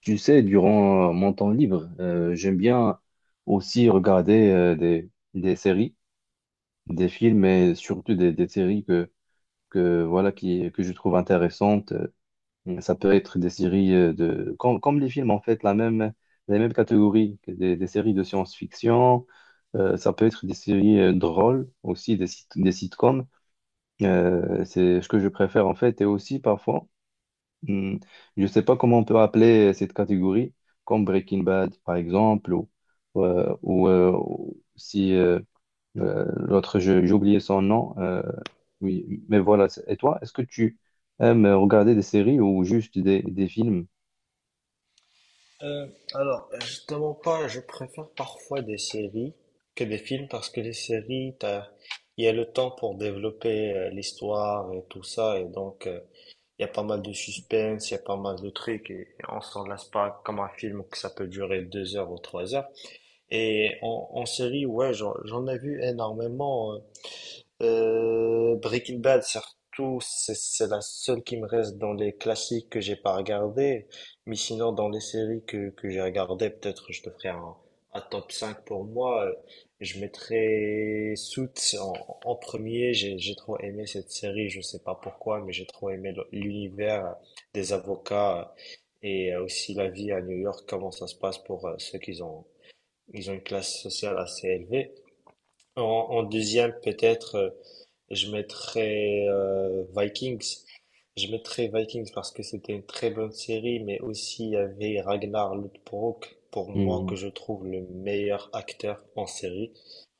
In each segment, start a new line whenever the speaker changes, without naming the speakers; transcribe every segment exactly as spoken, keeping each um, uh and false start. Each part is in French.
Tu sais, durant euh, mon temps libre, euh, j'aime bien aussi regarder euh, des, des séries, des films, mais surtout des, des séries que, que, voilà, qui, que je trouve intéressantes. Euh, Ça peut être des séries euh, de, comme, comme les films, en fait, la même, la même catégorie, que des, des séries de science-fiction. Euh, ça peut être des séries euh, drôles aussi, des, sit- des sitcoms. Euh, c'est ce que je préfère, en fait, et aussi parfois. Hmm. Je ne sais pas comment on peut appeler cette catégorie, comme Breaking Bad par exemple, ou, euh, ou, euh, ou si euh, euh, l'autre, je- j'ai oublié son nom. Euh, oui, mais voilà. c'est- Et toi, est-ce que tu aimes regarder des séries ou juste des, des films?
Euh, alors, justement pas, je préfère parfois des séries que des films parce que les séries, t'as- il y a le temps pour développer euh, l'histoire et tout ça, et donc euh, il y a pas mal de suspense, il y a pas mal de trucs, et, et on s'en lasse pas comme un film que ça peut durer deux heures ou trois heures. Et en, en série, ouais, j'en j'en ai vu énormément. euh, euh, Breaking Bad, surtout, c'est c'est la seule qui me reste dans les classiques que j'ai pas regardé. Mais sinon, dans les séries que, que j'ai regardées, peut-être je te ferai un, un top cinq pour moi. Euh, Je mettrai Suits en, en premier. J'ai j'ai trop aimé cette série, je sais pas pourquoi, mais j'ai trop aimé le- l'univers des avocats et aussi la vie à New York, comment ça se passe pour euh, ceux qui ont, ils ont une classe sociale assez élevée. En, en deuxième, peut-être, euh, je mettrais euh, Vikings. Je mettrais Vikings parce que c'était une très bonne série, mais aussi il y avait Ragnar Lothbrok, pour moi, que
Hmm.
je trouve le meilleur acteur en série.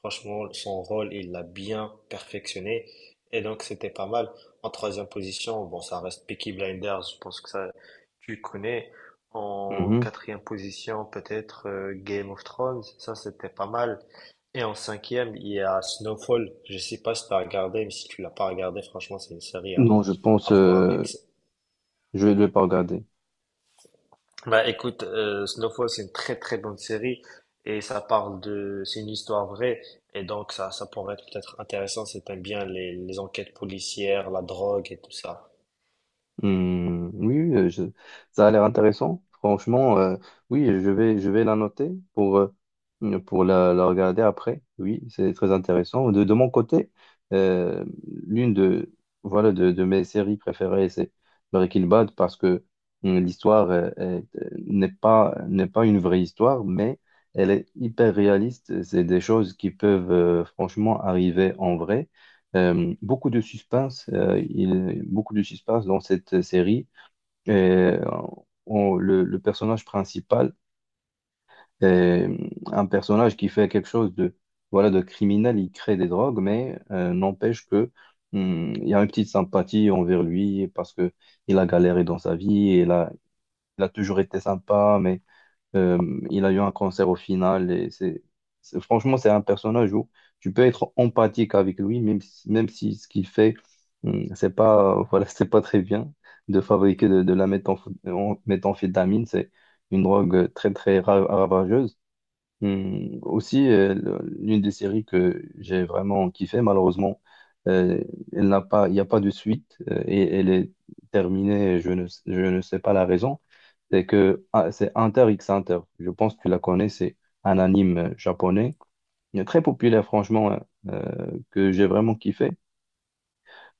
Franchement, son rôle, il l'a bien perfectionné. Et donc, c'était pas mal. En troisième position, bon, ça reste Peaky Blinders, je pense que ça, tu connais. En
Mhm.
quatrième position, peut-être euh, Game of Thrones, ça, c'était pas mal. Et en cinquième, il y a Snowfall. Je sais pas si tu as regardé, mais si tu l'as pas regardé, franchement, c'est une série à,
Non, je pense,
à voir.
euh,
Avec.
je ne vais pas regarder.
Bah écoute, euh, Snowfall, c'est une très très bonne série et ça parle de, c'est une histoire vraie et donc ça, ça pourrait être peut-être intéressant si t'aimes bien les, les enquêtes policières, la drogue et tout ça.
Hmm, oui, oui, euh, je- ça a l'air intéressant. Franchement, euh, oui, je vais, je vais la noter pour, euh, pour la, la regarder après. Oui, c'est très intéressant. De, de mon côté, euh, l'une de, voilà, de, de mes séries préférées, c'est Breaking Bad parce que hum, l'histoire euh, est- euh, n'est pas, n'est pas une vraie histoire, mais elle est hyper réaliste. C'est des choses qui peuvent euh, franchement arriver en vrai. Euh, beaucoup de suspense, euh, il, beaucoup de suspense dans cette série. Euh, on- le, le personnage principal est un personnage qui fait quelque chose de, voilà, de criminel, il crée des drogues, mais euh, n'empêche que hum, il y a une petite sympathie envers lui parce que il a galéré dans sa vie, il a, il a toujours été sympa, mais euh, il a eu un cancer au final et c'est, c'est- franchement, c'est un personnage où tu peux être empathique avec lui, même si, même si ce qu'il fait, hum, c'est pas, voilà, c'est pas très bien de fabriquer de, de la méthamph- en- méthamphétamine. C'est une drogue très, très ra- ravageuse. Hum, aussi, euh, le- l'une des séries que j'ai vraiment kiffé, malheureusement, euh, elle n'a pas, il n'y a pas de suite euh, et elle est terminée. Je ne, s- je ne sais pas la raison. C'est que ah, c'est Hunter x Hunter. Je pense que tu la connais. C'est un anime euh, japonais euh, très populaire, franchement, hein, euh, que j'ai vraiment kiffé.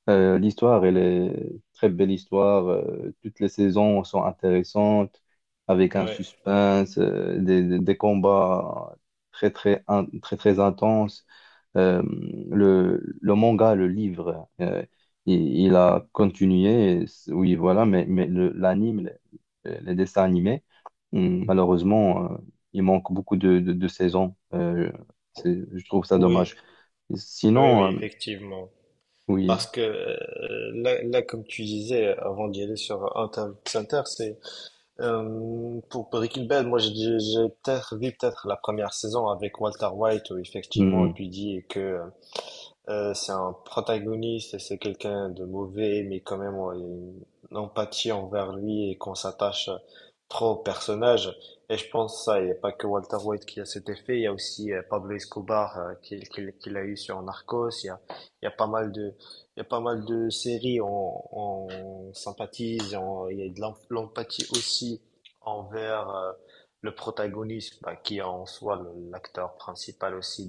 Euh, l'histoire, elle
Ouais.
est très belle histoire. Euh, toutes les saisons sont intéressantes, avec un
Ouais.
suspense, euh, des, des- des combats très très in- très très intenses. Euh, le, le manga, le livre, euh, il, il a continué. et c- Oui, voilà, mais, mais le- l'anime, les, les dessins animés, hum, malheureusement, euh, il manque beaucoup de, de, de saisons. Euh, c'est- je trouve ça
Oui,
dommage.
oui, oui,
Sinon, euh,
effectivement.
oui.
Parce que euh, là, là, comme tu disais avant d'y aller sur Interview Center, c'est. Euh, pour Breaking Bad, moi j'ai j'ai peut-être vu peut-être la première saison avec Walter White où effectivement
Hum,
tu dis que euh, c'est un protagoniste, c'est quelqu'un de mauvais, mais quand même on a une empathie envers lui et qu'on s'attache trop au personnage. Et je pense ça, il n'y a pas que Walter White qui a cet effet, il y a aussi euh, Pablo Escobar euh, qui, qui- qui l'a eu sur Narcos, il y a, il y a pas mal de, il y a pas mal de séries, on, on sympathise, on- il y a de l'em- l'empathie aussi envers euh, le protagoniste, bah, qui est en soi le- l'acteur principal aussi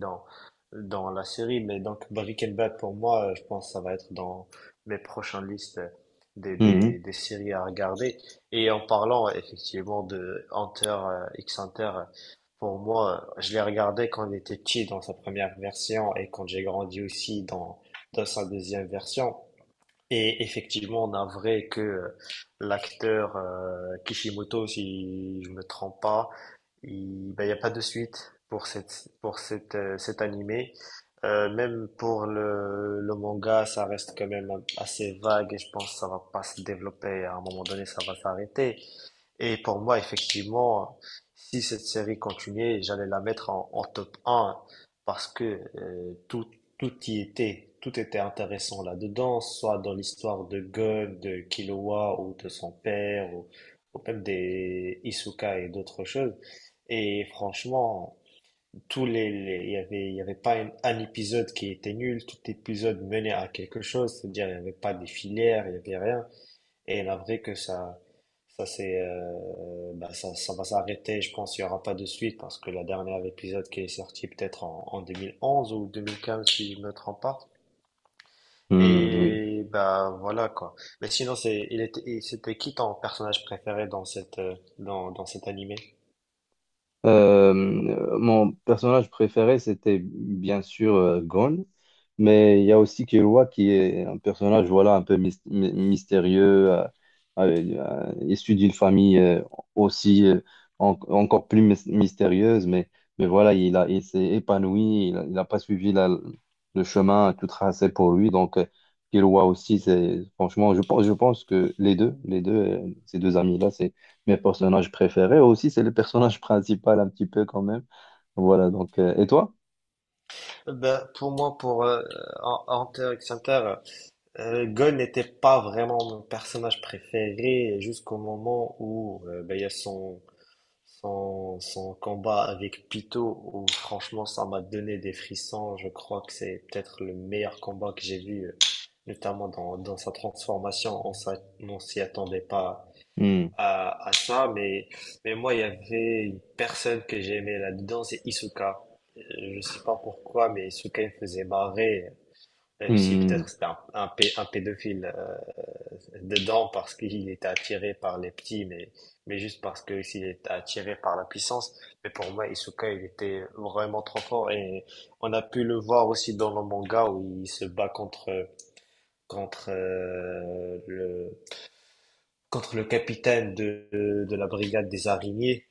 dans la série. Mais donc, Breaking Bad, pour moi, euh, je pense que ça va être dans mes prochaines listes euh, des, des,
hum.
des séries à regarder. Et en parlant euh, effectivement de Hunter, euh, X Hunter, euh, pour moi, euh, je l'ai regardé quand il était petit dans sa première version et quand j'ai grandi aussi dans, dans sa deuxième version. Et effectivement, on a vrai que euh, l'acteur euh, Kishimoto, si je me trompe pas, il n'y a pas de suite pour cette, pour cette, euh, cet animé. Euh, même pour le, le manga, ça reste quand même assez vague et je pense que ça va pas se développer. À un moment donné, ça va s'arrêter. Et pour moi, effectivement, si cette série continuait, j'allais la mettre en, en top un parce que euh, tout, tout y était, tout était intéressant là-dedans, soit dans l'histoire de God, de Killua ou de son père, ou, ou même des Isuka et d'autres choses. Et franchement, tous les, les- il y avait, il y avait pas un, un épisode qui était nul, tout épisode menait à quelque chose, c'est-à-dire il n'y avait pas des filières, il n'y avait rien. Et la vraie que ça, ça c'est, euh, bah, ça, ça va s'arrêter. Je pense qu'il n'y aura pas de suite parce que la dernière épisode qui est sorti peut-être en, en deux mille onze ou deux mille quinze si je me trompe pas.
Hmm, oui.
Et bah voilà quoi. Mais sinon c'est, il était, il- c'était qui ton personnage préféré dans cette, euh, dans, dans cet animé?
Euh, Mon personnage préféré, c'était bien sûr euh, Gon, mais il y a aussi Killua qui est un personnage voilà, un peu mys- my- mystérieux, euh, euh, euh, issu d'une famille euh, aussi euh, en- encore plus mys- mystérieuse, mais, mais voilà, il a, il s'est épanoui, il n'a pas suivi la- le chemin tout tracé pour lui, donc euh, Killua aussi, c'est franchement, je pense, je pense que les deux, les deux, euh, ces deux amis-là, c'est mes personnages préférés. Aussi, c'est le personnage principal un petit peu quand même. Voilà, donc, euh, et toi?
Bah, pour moi, pour euh, en- Hunter x Hunter, euh, Gon n'était pas vraiment mon personnage préféré jusqu'au moment où euh, bah, il y a son Son, son combat avec Pyto, où franchement ça m'a donné des frissons, je crois que c'est peut-être le meilleur combat que j'ai vu, euh, notamment dans, dans sa transformation. On s'a- on s'y attendait pas
Hmm.
à, à ça, mais, mais moi il y avait une personne que j'aimais là-dedans, c'est Isuka. Euh, Je sais pas pourquoi, mais Isuka il me faisait marrer, euh, même si peut-être
Hmm.
c'était un, un, pé- un pédophile. Euh, dedans parce qu'il était attiré par les petits, mais, mais juste parce que s'il était attiré par la puissance. Mais pour moi, Isuka, il était vraiment trop fort et on a pu le voir aussi dans le manga où il se bat contre, contre euh, le, contre le capitaine de, de de la brigade des araignées.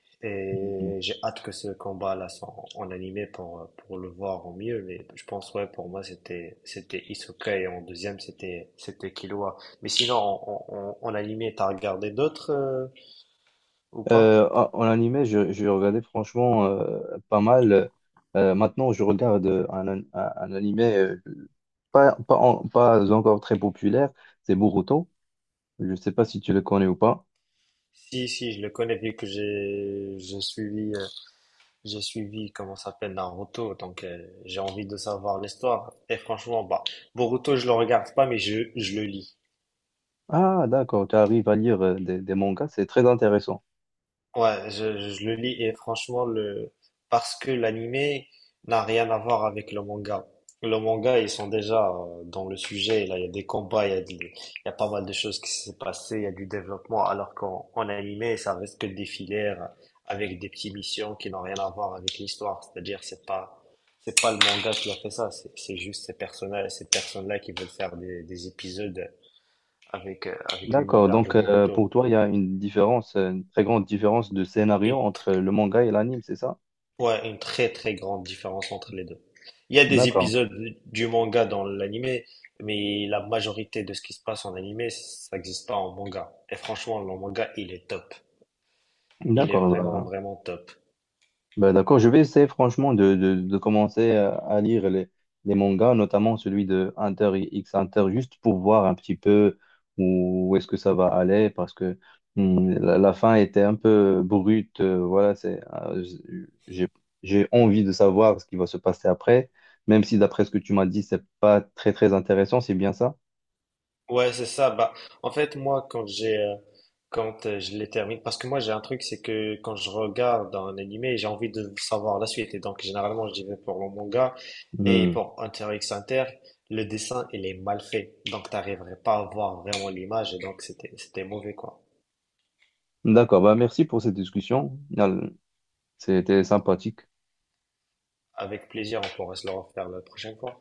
Hmm, hmm.
Et j'ai hâte que ce combat-là soit en, en animé pour, euh, pour le voir au mieux. Mais je pense, ouais, pour moi, c'était, c'était Hisoka et en deuxième, c'était, c'était Killua. Mais sinon, en, en, en en animé, t'as regardé d'autres euh, ou
Euh,
pas?
en en animé, je, je regardais franchement euh, pas mal. Euh, maintenant, je regarde euh, un, un, un animé euh, pas, pas, en- pas encore très populaire, c'est Boruto. Je ne sais pas si tu le connais ou pas.
Si, si, je le connais vu que j'ai, j'ai suivi, euh, j'ai suivi, comment ça s'appelle, Naruto. Donc, euh, j'ai envie de savoir l'histoire. Et franchement, bah, Boruto, je le regarde pas, mais je, je le lis.
Ah, d'accord, tu arrives à lire euh, des, des mangas, c'est très intéressant.
Ouais, je, je le lis et franchement, le. Parce que l'animé n'a rien à voir avec le manga. Le manga, ils sont déjà euh, dans le sujet. Là, il y a des combats, il y a, des- il y a pas mal de choses qui s'est passé, il y a du développement. Alors qu'en en animé, ça reste que des filaires avec des petites missions qui n'ont rien à voir avec l'histoire. C'est-à-dire, c'est pas, c'est pas le manga qui a fait ça. C'est c'est juste ces personnages, ces personnes-là qui veulent faire des, des épisodes avec, euh, avec
D'accord,
l'univers de
donc euh,
Boruto.
pour toi, il y a une différence, euh, une très grande différence de scénario
Et.
entre le manga et l'anime, c'est ça?
Ouais, une très très grande différence entre les deux. Il y a des
D'accord,
épisodes du manga dans l'anime, mais la majorité de ce qui se passe en anime, ça n'existe pas en manga. Et franchement, le manga, il est top. Il est
d'accord,
vraiment
bah,
vraiment top.
bah, d'accord. Je vais essayer franchement de, de, de commencer à à lire les, les mangas, notamment celui de Hunter X Hunter, juste pour voir un petit peu où, où est-ce que ça va aller, parce que hmm, la, la fin était un peu brute. euh, voilà, c'est, euh, j'ai, j'ai envie de savoir ce qui va se passer après, même si d'après ce que tu m'as dit, c'est pas très très intéressant, c'est bien ça?
Ouais, c'est ça. Bah, en fait, moi, quand j'ai, euh, quand euh, je les termine, parce que moi, j'ai un truc, c'est que quand je regarde un animé, j'ai envie de savoir la suite. Et donc, généralement, j'y vais pour le manga et
Hmm.
pour Hunter x Hunter, le dessin, il est mal fait. Donc, t'arriverais pas à voir vraiment l'image. Et donc, c'était, c'était mauvais, quoi.
D'accord, bah merci pour cette discussion. C'était sympathique.
Avec plaisir, on pourra se le refaire la prochaine fois.